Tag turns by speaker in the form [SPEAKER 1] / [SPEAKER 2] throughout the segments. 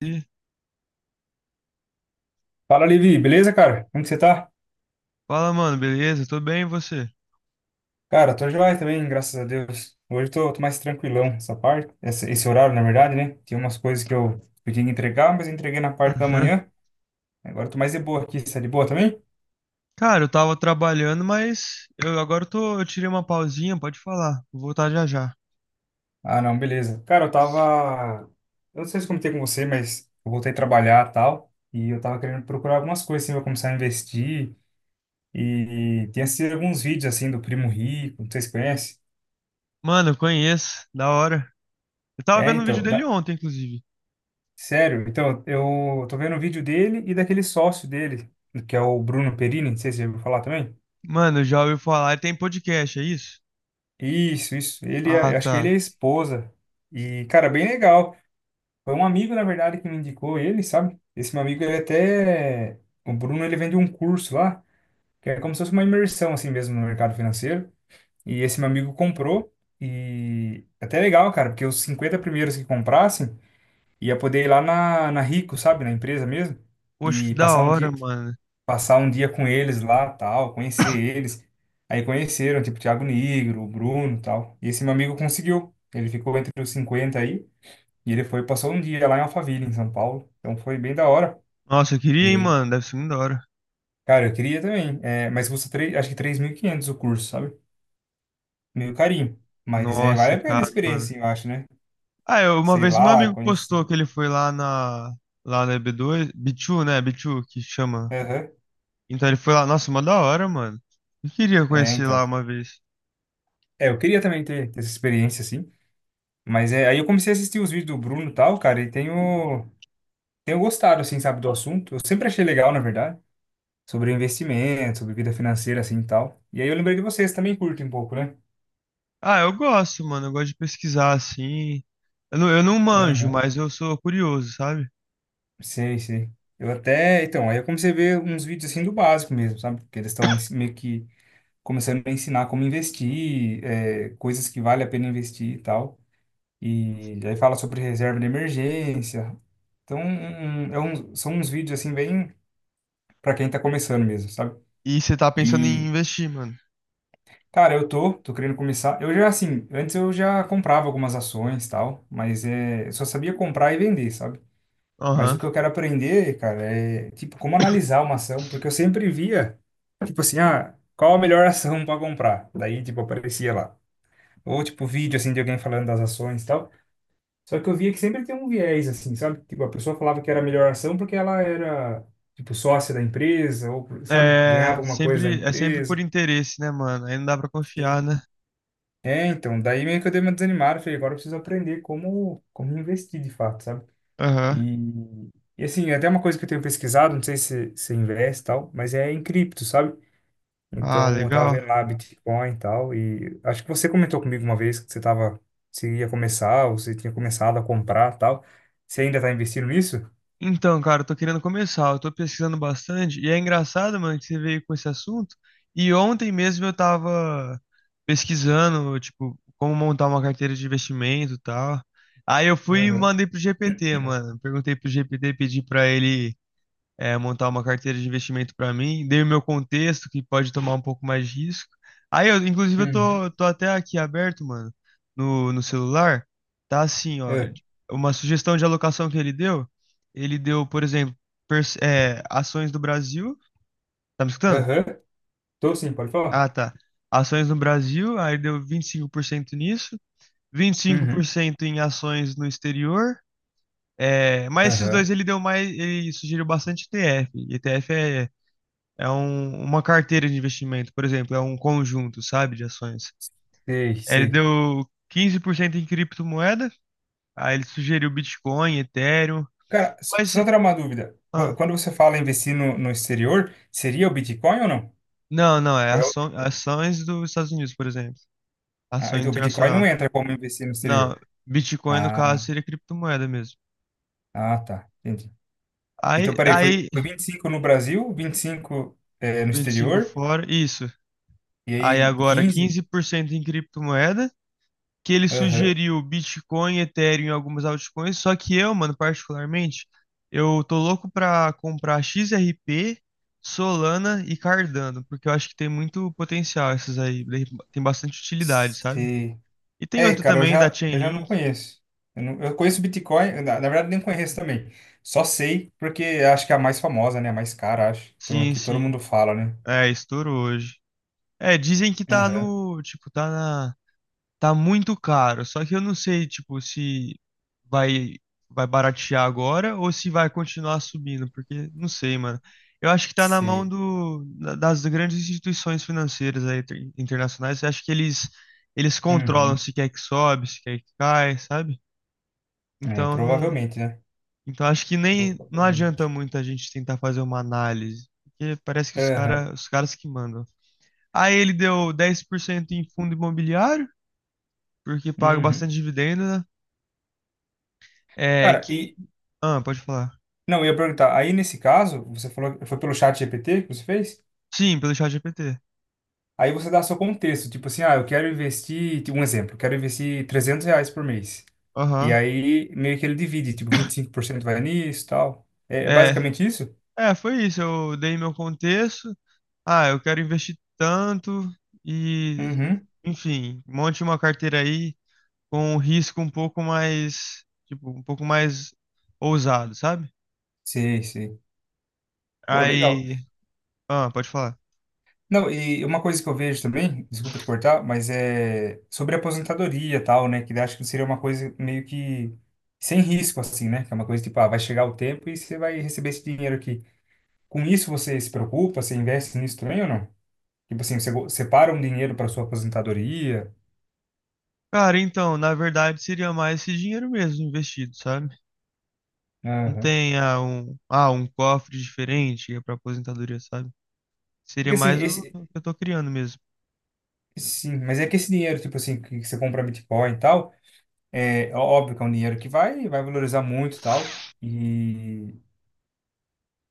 [SPEAKER 1] E
[SPEAKER 2] Fala, Levi, beleza, cara? Como que você tá?
[SPEAKER 1] fala, mano, beleza? Tô bem, e você?
[SPEAKER 2] Cara, tô joia também, graças a Deus. Hoje eu tô mais tranquilão, essa parte, esse horário, na verdade, né? Tinha umas coisas que eu podia entregar, mas eu entreguei na parte da
[SPEAKER 1] Aham.
[SPEAKER 2] manhã. Agora eu tô mais de boa aqui. Você é de boa também?
[SPEAKER 1] Cara, eu tava trabalhando, mas eu tirei uma pausinha, pode falar. Vou voltar já já.
[SPEAKER 2] Ah, não, beleza. Cara, eu tava. Eu não sei se eu comentei com você, mas eu voltei a trabalhar e tal. E eu tava querendo procurar algumas coisas, assim, pra começar a investir. E tinha assistido alguns vídeos, assim, do Primo Rico, não sei se conhece.
[SPEAKER 1] Mano, eu conheço, da hora. Eu tava
[SPEAKER 2] É,
[SPEAKER 1] vendo um vídeo
[SPEAKER 2] então.
[SPEAKER 1] dele ontem, inclusive.
[SPEAKER 2] Sério? Então, eu tô vendo o vídeo dele e daquele sócio dele, que é o Bruno Perini, não sei se você já ouviu falar também.
[SPEAKER 1] Mano, já ouviu falar, ele tem podcast, é isso?
[SPEAKER 2] Isso, isso. Ele,
[SPEAKER 1] Ah,
[SPEAKER 2] eu acho que ele é
[SPEAKER 1] tá.
[SPEAKER 2] a esposa. E, cara, bem legal. Foi um amigo, na verdade, que me indicou ele, sabe? Esse meu amigo, ele até... O Bruno, ele vende um curso lá, que é como se fosse uma imersão, assim mesmo, no mercado financeiro. E esse meu amigo comprou. E até legal, cara, porque os 50 primeiros que comprassem, ia poder ir lá na Rico, sabe? Na empresa mesmo
[SPEAKER 1] Poxa, que
[SPEAKER 2] e
[SPEAKER 1] da hora, mano.
[SPEAKER 2] passar um dia com eles lá, tal, conhecer eles. Aí conheceram, tipo, Thiago Nigro, o Bruno, tal. E esse meu amigo conseguiu. Ele ficou entre os 50 aí, e ele foi, passou um dia lá em Alphaville, em São Paulo. Então foi bem da hora.
[SPEAKER 1] Nossa, eu queria,
[SPEAKER 2] E
[SPEAKER 1] hein,
[SPEAKER 2] aí?
[SPEAKER 1] mano, deve ser muito da hora.
[SPEAKER 2] Cara, eu queria também, é, mas custa três acho que 3.500 o curso, sabe? Meio carinho. Mas é,
[SPEAKER 1] Nossa,
[SPEAKER 2] vale
[SPEAKER 1] é
[SPEAKER 2] a pena a
[SPEAKER 1] caro, mano.
[SPEAKER 2] experiência, assim, eu acho, né?
[SPEAKER 1] Ah, eu, uma
[SPEAKER 2] Sei
[SPEAKER 1] vez meu
[SPEAKER 2] lá,
[SPEAKER 1] amigo postou
[SPEAKER 2] conhecer.
[SPEAKER 1] que ele foi lá na b dois B2, né? B2 que chama.
[SPEAKER 2] Aham.
[SPEAKER 1] Então ele foi lá, nossa, mó da hora, mano. Eu queria
[SPEAKER 2] É,
[SPEAKER 1] conhecer lá
[SPEAKER 2] então.
[SPEAKER 1] uma vez.
[SPEAKER 2] É, eu queria também ter essa experiência, assim. Mas é, aí eu comecei a assistir os vídeos do Bruno e tal, cara, tenho gostado, assim, sabe, do assunto. Eu sempre achei legal, na verdade, sobre investimento, sobre vida financeira, assim, e tal. E aí eu lembrei de vocês, também curtem um pouco, né?
[SPEAKER 1] Ah, eu gosto, mano, eu gosto de pesquisar assim. Eu não manjo,
[SPEAKER 2] Aham.
[SPEAKER 1] mas eu sou curioso, sabe?
[SPEAKER 2] Sei, sei. Eu até, então, aí eu comecei a ver uns vídeos, assim, do básico mesmo, sabe? Porque eles estão meio que começando a ensinar como investir, é, coisas que vale a pena investir e tal. E aí fala sobre reserva de emergência. Então, são uns vídeos, assim, bem para quem tá começando mesmo, sabe?
[SPEAKER 1] E você tá pensando em
[SPEAKER 2] E
[SPEAKER 1] investir, mano.
[SPEAKER 2] cara, eu tô querendo começar. Eu já, assim, antes eu já comprava algumas ações e tal, mas é, eu só sabia comprar e vender, sabe? Mas
[SPEAKER 1] Aham.
[SPEAKER 2] o que eu quero aprender, cara, é, tipo, como analisar uma ação, porque eu sempre via, tipo assim, ah, qual a melhor ação para comprar? Daí, tipo, aparecia lá. Ou, tipo, vídeo, assim, de alguém falando das ações e tal. Só que eu via que sempre tem um viés, assim, sabe? Tipo, a pessoa falava que era a melhor ação porque ela era, tipo, sócia da empresa, ou, sabe? Ganhava alguma coisa da
[SPEAKER 1] É sempre por
[SPEAKER 2] empresa.
[SPEAKER 1] interesse, né, mano? Aí não dá pra confiar, né?
[SPEAKER 2] É, então, daí meio que eu dei uma desanimada, falei, agora eu preciso aprender como investir de fato, sabe?
[SPEAKER 1] Aham.
[SPEAKER 2] E, e assim, é até uma coisa que eu tenho pesquisado, não sei se se investe e tal, mas é em cripto, sabe?
[SPEAKER 1] Ah,
[SPEAKER 2] Então, eu tava vendo
[SPEAKER 1] legal.
[SPEAKER 2] lá Bitcoin e tal, e acho que você comentou comigo uma vez que você tava, se ia começar, ou você tinha começado a comprar e tal. Você ainda tá investindo nisso?
[SPEAKER 1] Então, cara, eu tô querendo começar, eu tô pesquisando bastante, e é engraçado, mano, que você veio com esse assunto, e ontem mesmo eu tava pesquisando, tipo, como montar uma carteira de investimento e tal. Aí eu fui e
[SPEAKER 2] Aham.
[SPEAKER 1] mandei pro GPT, mano. Perguntei pro GPT, pedi pra ele montar uma carteira de investimento para mim, dei o meu contexto, que pode tomar um pouco mais de risco. Aí, eu, inclusive,
[SPEAKER 2] Uhum.
[SPEAKER 1] tô até aqui aberto, mano, no celular. Tá assim, ó,
[SPEAKER 2] É.
[SPEAKER 1] uma sugestão de alocação que ele deu, por exemplo, ações do Brasil. Tá me escutando?
[SPEAKER 2] Aham. Tô sim, pode falar.
[SPEAKER 1] Ah, tá. Ações no Brasil, aí deu 25% nisso, vinte e cinco por
[SPEAKER 2] Uhum.
[SPEAKER 1] cento em ações no exterior. É, mas esses
[SPEAKER 2] Aham.
[SPEAKER 1] dois ele deu mais, ele sugeriu bastante ETF. ETF é uma carteira de investimento, por exemplo, é um conjunto, sabe, de ações.
[SPEAKER 2] Sei,
[SPEAKER 1] Ele
[SPEAKER 2] sei.
[SPEAKER 1] deu 15% em criptomoeda, aí ele sugeriu Bitcoin, Ethereum,
[SPEAKER 2] Cara,
[SPEAKER 1] mas
[SPEAKER 2] só tirar uma dúvida.
[SPEAKER 1] ah,
[SPEAKER 2] Quando você fala investir no exterior, seria o Bitcoin ou não?
[SPEAKER 1] não, não, é
[SPEAKER 2] Ou é outra coisa.
[SPEAKER 1] ações dos Estados Unidos, por exemplo,
[SPEAKER 2] Ah,
[SPEAKER 1] ações
[SPEAKER 2] então o Bitcoin não
[SPEAKER 1] internacional.
[SPEAKER 2] entra como investir no
[SPEAKER 1] Não,
[SPEAKER 2] exterior.
[SPEAKER 1] Bitcoin no
[SPEAKER 2] Ah,
[SPEAKER 1] caso seria criptomoeda mesmo.
[SPEAKER 2] ah, tá. Entendi.
[SPEAKER 1] Aí,
[SPEAKER 2] Então, peraí, foi,
[SPEAKER 1] aí
[SPEAKER 2] foi 25 no Brasil, 25 no
[SPEAKER 1] 25
[SPEAKER 2] exterior,
[SPEAKER 1] fora, isso.
[SPEAKER 2] e
[SPEAKER 1] Aí
[SPEAKER 2] aí
[SPEAKER 1] agora
[SPEAKER 2] 15?
[SPEAKER 1] 15% em criptomoeda que ele
[SPEAKER 2] Aham.
[SPEAKER 1] sugeriu Bitcoin, Ethereum e algumas altcoins, só que eu, mano, particularmente, eu tô louco pra comprar XRP, Solana e Cardano, porque eu acho que tem muito potencial essas aí, daí tem bastante utilidade, sabe?
[SPEAKER 2] Se...
[SPEAKER 1] E tem
[SPEAKER 2] É,
[SPEAKER 1] outra
[SPEAKER 2] cara, eu
[SPEAKER 1] também da
[SPEAKER 2] já, eu já não
[SPEAKER 1] Chainlink.
[SPEAKER 2] conheço. Eu, eu conheço Bitcoin, na verdade nem conheço também. Só sei porque acho que é a mais famosa, né? A mais cara, acho. Então
[SPEAKER 1] Sim,
[SPEAKER 2] aqui todo
[SPEAKER 1] sim,
[SPEAKER 2] mundo fala, né?
[SPEAKER 1] é, estourou hoje. É, dizem que tá
[SPEAKER 2] Aham.
[SPEAKER 1] no, tipo, tá na. Tá muito caro, só que eu não sei, tipo, se vai vai baratear agora ou se vai continuar subindo, porque não sei, mano. Eu acho que tá na mão
[SPEAKER 2] Sei.
[SPEAKER 1] do, das grandes instituições financeiras aí, internacionais. Eu acho que eles controlam
[SPEAKER 2] Uhum.
[SPEAKER 1] se quer que sobe, se quer que cai, sabe?
[SPEAKER 2] É,
[SPEAKER 1] Então não,
[SPEAKER 2] provavelmente, né?
[SPEAKER 1] então acho que nem não adianta
[SPEAKER 2] Provavelmente.
[SPEAKER 1] muito a gente tentar fazer uma análise, porque parece que
[SPEAKER 2] Aham.
[SPEAKER 1] os caras que mandam. Aí ele deu 10% em fundo imobiliário, porque paga
[SPEAKER 2] Uhum.
[SPEAKER 1] bastante dividendo. É,
[SPEAKER 2] Cara,
[SPEAKER 1] que.
[SPEAKER 2] e.
[SPEAKER 1] Ah, pode falar.
[SPEAKER 2] Não, eu ia perguntar. Aí, nesse caso, você falou que foi pelo chat GPT que você fez?
[SPEAKER 1] Sim, pelo chat GPT.
[SPEAKER 2] Aí você dá seu contexto. Tipo assim, ah, eu quero investir. Tipo, um exemplo, eu quero investir R$ 300 por mês. E
[SPEAKER 1] Aham.
[SPEAKER 2] aí, meio que ele divide. Tipo, 25% vai nisso e tal. É, é
[SPEAKER 1] É.
[SPEAKER 2] basicamente isso?
[SPEAKER 1] É, foi isso. Eu dei meu contexto. Ah, eu quero investir tanto e,
[SPEAKER 2] Uhum.
[SPEAKER 1] enfim, monte uma carteira aí com um risco um pouco mais, tipo, um pouco mais ousado, sabe?
[SPEAKER 2] Sim, sim. Pô, legal.
[SPEAKER 1] Aí, ah, pode falar.
[SPEAKER 2] Não, e uma coisa que eu vejo também, desculpa te cortar, mas é sobre aposentadoria e tal, né? Que acho que seria uma coisa meio que sem risco, assim, né? Que é uma coisa tipo, ah, vai chegar o tempo e você vai receber esse dinheiro aqui. Com isso você se preocupa, você investe nisso também ou não? Tipo assim, você separa um dinheiro para sua aposentadoria.
[SPEAKER 1] Cara, então, na verdade, seria mais esse dinheiro mesmo investido, sabe? Não
[SPEAKER 2] Aham.
[SPEAKER 1] tem um cofre diferente para aposentadoria, sabe? Seria
[SPEAKER 2] Porque assim,
[SPEAKER 1] mais o
[SPEAKER 2] esse,
[SPEAKER 1] que eu tô criando mesmo.
[SPEAKER 2] sim, mas é que esse dinheiro, tipo assim, que você compra Bitcoin e tal, é óbvio que é um dinheiro que vai valorizar muito e tal. E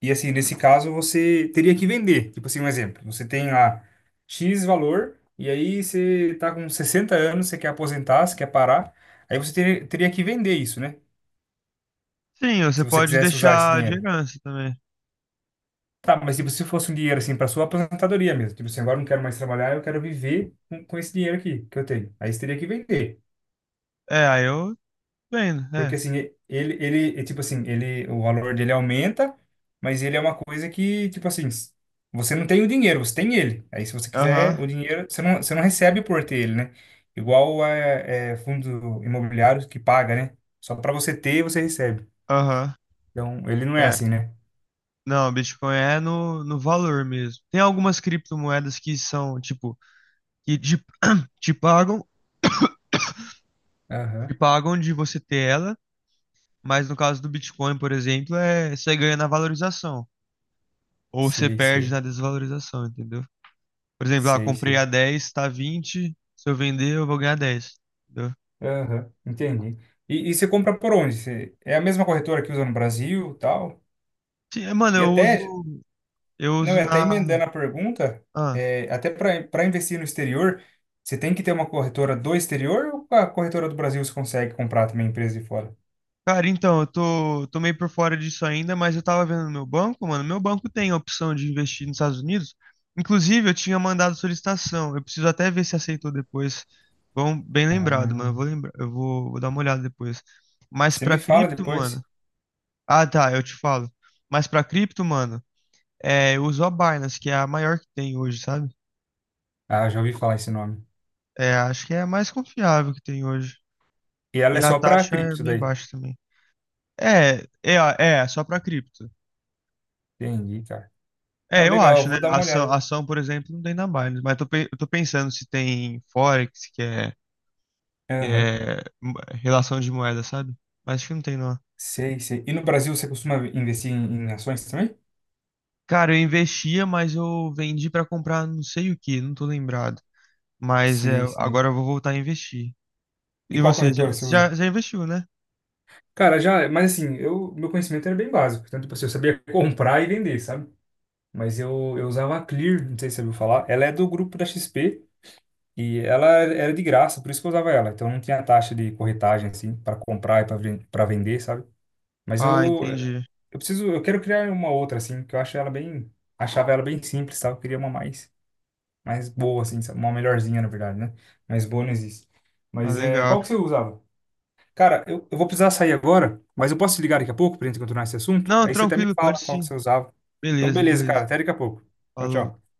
[SPEAKER 2] e assim, nesse caso, você teria que vender. Tipo assim, um exemplo. Você tem lá X valor, e aí você tá com 60 anos, você quer aposentar, você quer parar. Aí você teria que vender isso, né?
[SPEAKER 1] Sim, você
[SPEAKER 2] Se você
[SPEAKER 1] pode
[SPEAKER 2] quisesse usar esse
[SPEAKER 1] deixar de
[SPEAKER 2] dinheiro.
[SPEAKER 1] herança também.
[SPEAKER 2] Tá, mas tipo, se fosse um dinheiro assim para sua aposentadoria mesmo. Tipo assim, agora eu não quero mais trabalhar, eu quero viver com esse dinheiro aqui que eu tenho. Aí você teria que vender.
[SPEAKER 1] É, aí eu vendo,
[SPEAKER 2] Porque
[SPEAKER 1] é.
[SPEAKER 2] assim, ele, é tipo assim, ele, o valor dele aumenta, mas ele é uma coisa que, tipo assim, você não tem o dinheiro, você tem ele. Aí se você
[SPEAKER 1] Aham,
[SPEAKER 2] quiser o dinheiro, você não recebe por ter ele, né? Igual é, é fundo imobiliário que paga, né? Só para você ter, você recebe.
[SPEAKER 1] aham.
[SPEAKER 2] Então, ele não é
[SPEAKER 1] É.
[SPEAKER 2] assim, né?
[SPEAKER 1] Não, Bitcoin é no, no valor mesmo. Tem algumas criptomoedas que são, tipo, que te, te pagam, te
[SPEAKER 2] Aham.
[SPEAKER 1] pagam de você ter ela, mas no caso do Bitcoin, por exemplo, é você ganha na valorização. Ou você
[SPEAKER 2] Sei,
[SPEAKER 1] perde
[SPEAKER 2] sei.
[SPEAKER 1] na desvalorização, entendeu? Por exemplo, lá,
[SPEAKER 2] Sei,
[SPEAKER 1] comprei
[SPEAKER 2] sei.
[SPEAKER 1] a 10, tá 20. Se eu vender, eu vou ganhar 10. Entendeu?
[SPEAKER 2] Aham. Entendi. E você compra por onde? É a mesma corretora que usa no Brasil, tal?
[SPEAKER 1] Sim, é, mano,
[SPEAKER 2] E
[SPEAKER 1] eu
[SPEAKER 2] até
[SPEAKER 1] uso. Eu
[SPEAKER 2] não,
[SPEAKER 1] uso
[SPEAKER 2] e até
[SPEAKER 1] na.
[SPEAKER 2] emendando a pergunta,
[SPEAKER 1] ah,
[SPEAKER 2] é, até para investir no exterior, você tem que ter uma corretora do exterior ou a corretora do Brasil você consegue comprar também empresa de fora?
[SPEAKER 1] Cara, então, tô meio por fora disso ainda, mas eu tava vendo no meu banco, mano. Meu banco tem a opção de investir nos Estados Unidos. Inclusive, eu tinha mandado solicitação. Eu preciso até ver se aceitou depois. Bom, bem lembrado,
[SPEAKER 2] Ah,
[SPEAKER 1] mano. Eu vou lembrar, vou dar uma olhada depois. Mas
[SPEAKER 2] você
[SPEAKER 1] pra
[SPEAKER 2] me fala
[SPEAKER 1] cripto, mano.
[SPEAKER 2] depois.
[SPEAKER 1] Ah, tá, eu te falo. Mas pra cripto, mano, é, eu uso a Binance, que é a maior que tem hoje, sabe?
[SPEAKER 2] Ah, já ouvi falar esse nome.
[SPEAKER 1] É, acho que é a mais confiável que tem hoje.
[SPEAKER 2] E ela
[SPEAKER 1] E
[SPEAKER 2] é
[SPEAKER 1] a
[SPEAKER 2] só para
[SPEAKER 1] taxa é
[SPEAKER 2] cripto
[SPEAKER 1] meio
[SPEAKER 2] daí.
[SPEAKER 1] baixa também. Só pra cripto.
[SPEAKER 2] Entendi, cara. Não,
[SPEAKER 1] É, eu
[SPEAKER 2] legal, eu
[SPEAKER 1] acho, né?
[SPEAKER 2] vou dar uma olhada.
[SPEAKER 1] Ação, por exemplo, não tem na Binance, mas eu tô pensando se tem Forex, que
[SPEAKER 2] Aham.
[SPEAKER 1] é relação de moeda, sabe? Mas acho que não tem, não.
[SPEAKER 2] Sei, sei. E no Brasil você costuma investir em, em ações também?
[SPEAKER 1] Cara, eu investia, mas eu vendi pra comprar não sei o que, não tô lembrado. Mas é,
[SPEAKER 2] Sei, sei.
[SPEAKER 1] agora eu vou voltar a investir.
[SPEAKER 2] E
[SPEAKER 1] E
[SPEAKER 2] qual
[SPEAKER 1] você
[SPEAKER 2] corretora você usa?
[SPEAKER 1] já investiu, né?
[SPEAKER 2] Cara, já, mas assim, eu, meu conhecimento era bem básico. Tanto, tipo assim, eu sabia comprar e vender, sabe? Mas eu usava a Clear, não sei se você ouviu falar. Ela é do grupo da XP e ela era de graça, por isso que eu usava ela. Então não tinha taxa de corretagem assim para comprar e para vender, sabe? Mas
[SPEAKER 1] Ah, entendi.
[SPEAKER 2] eu preciso, eu quero criar uma outra assim, que eu acho ela bem, achava ela bem simples, sabe? Eu queria uma mais boa assim, sabe? Uma melhorzinha na verdade, né? Mais boa não existe.
[SPEAKER 1] Ah,
[SPEAKER 2] Mas é,
[SPEAKER 1] legal.
[SPEAKER 2] qual que você usava? Cara, eu vou precisar sair agora, mas eu posso te ligar daqui a pouco pra gente continuar esse assunto?
[SPEAKER 1] Não,
[SPEAKER 2] Aí você até me
[SPEAKER 1] tranquilo, pode
[SPEAKER 2] fala qual que
[SPEAKER 1] sim.
[SPEAKER 2] você usava. Então,
[SPEAKER 1] Beleza,
[SPEAKER 2] beleza, cara.
[SPEAKER 1] beleza.
[SPEAKER 2] Até daqui a pouco. Tchau,
[SPEAKER 1] Falou.
[SPEAKER 2] tchau.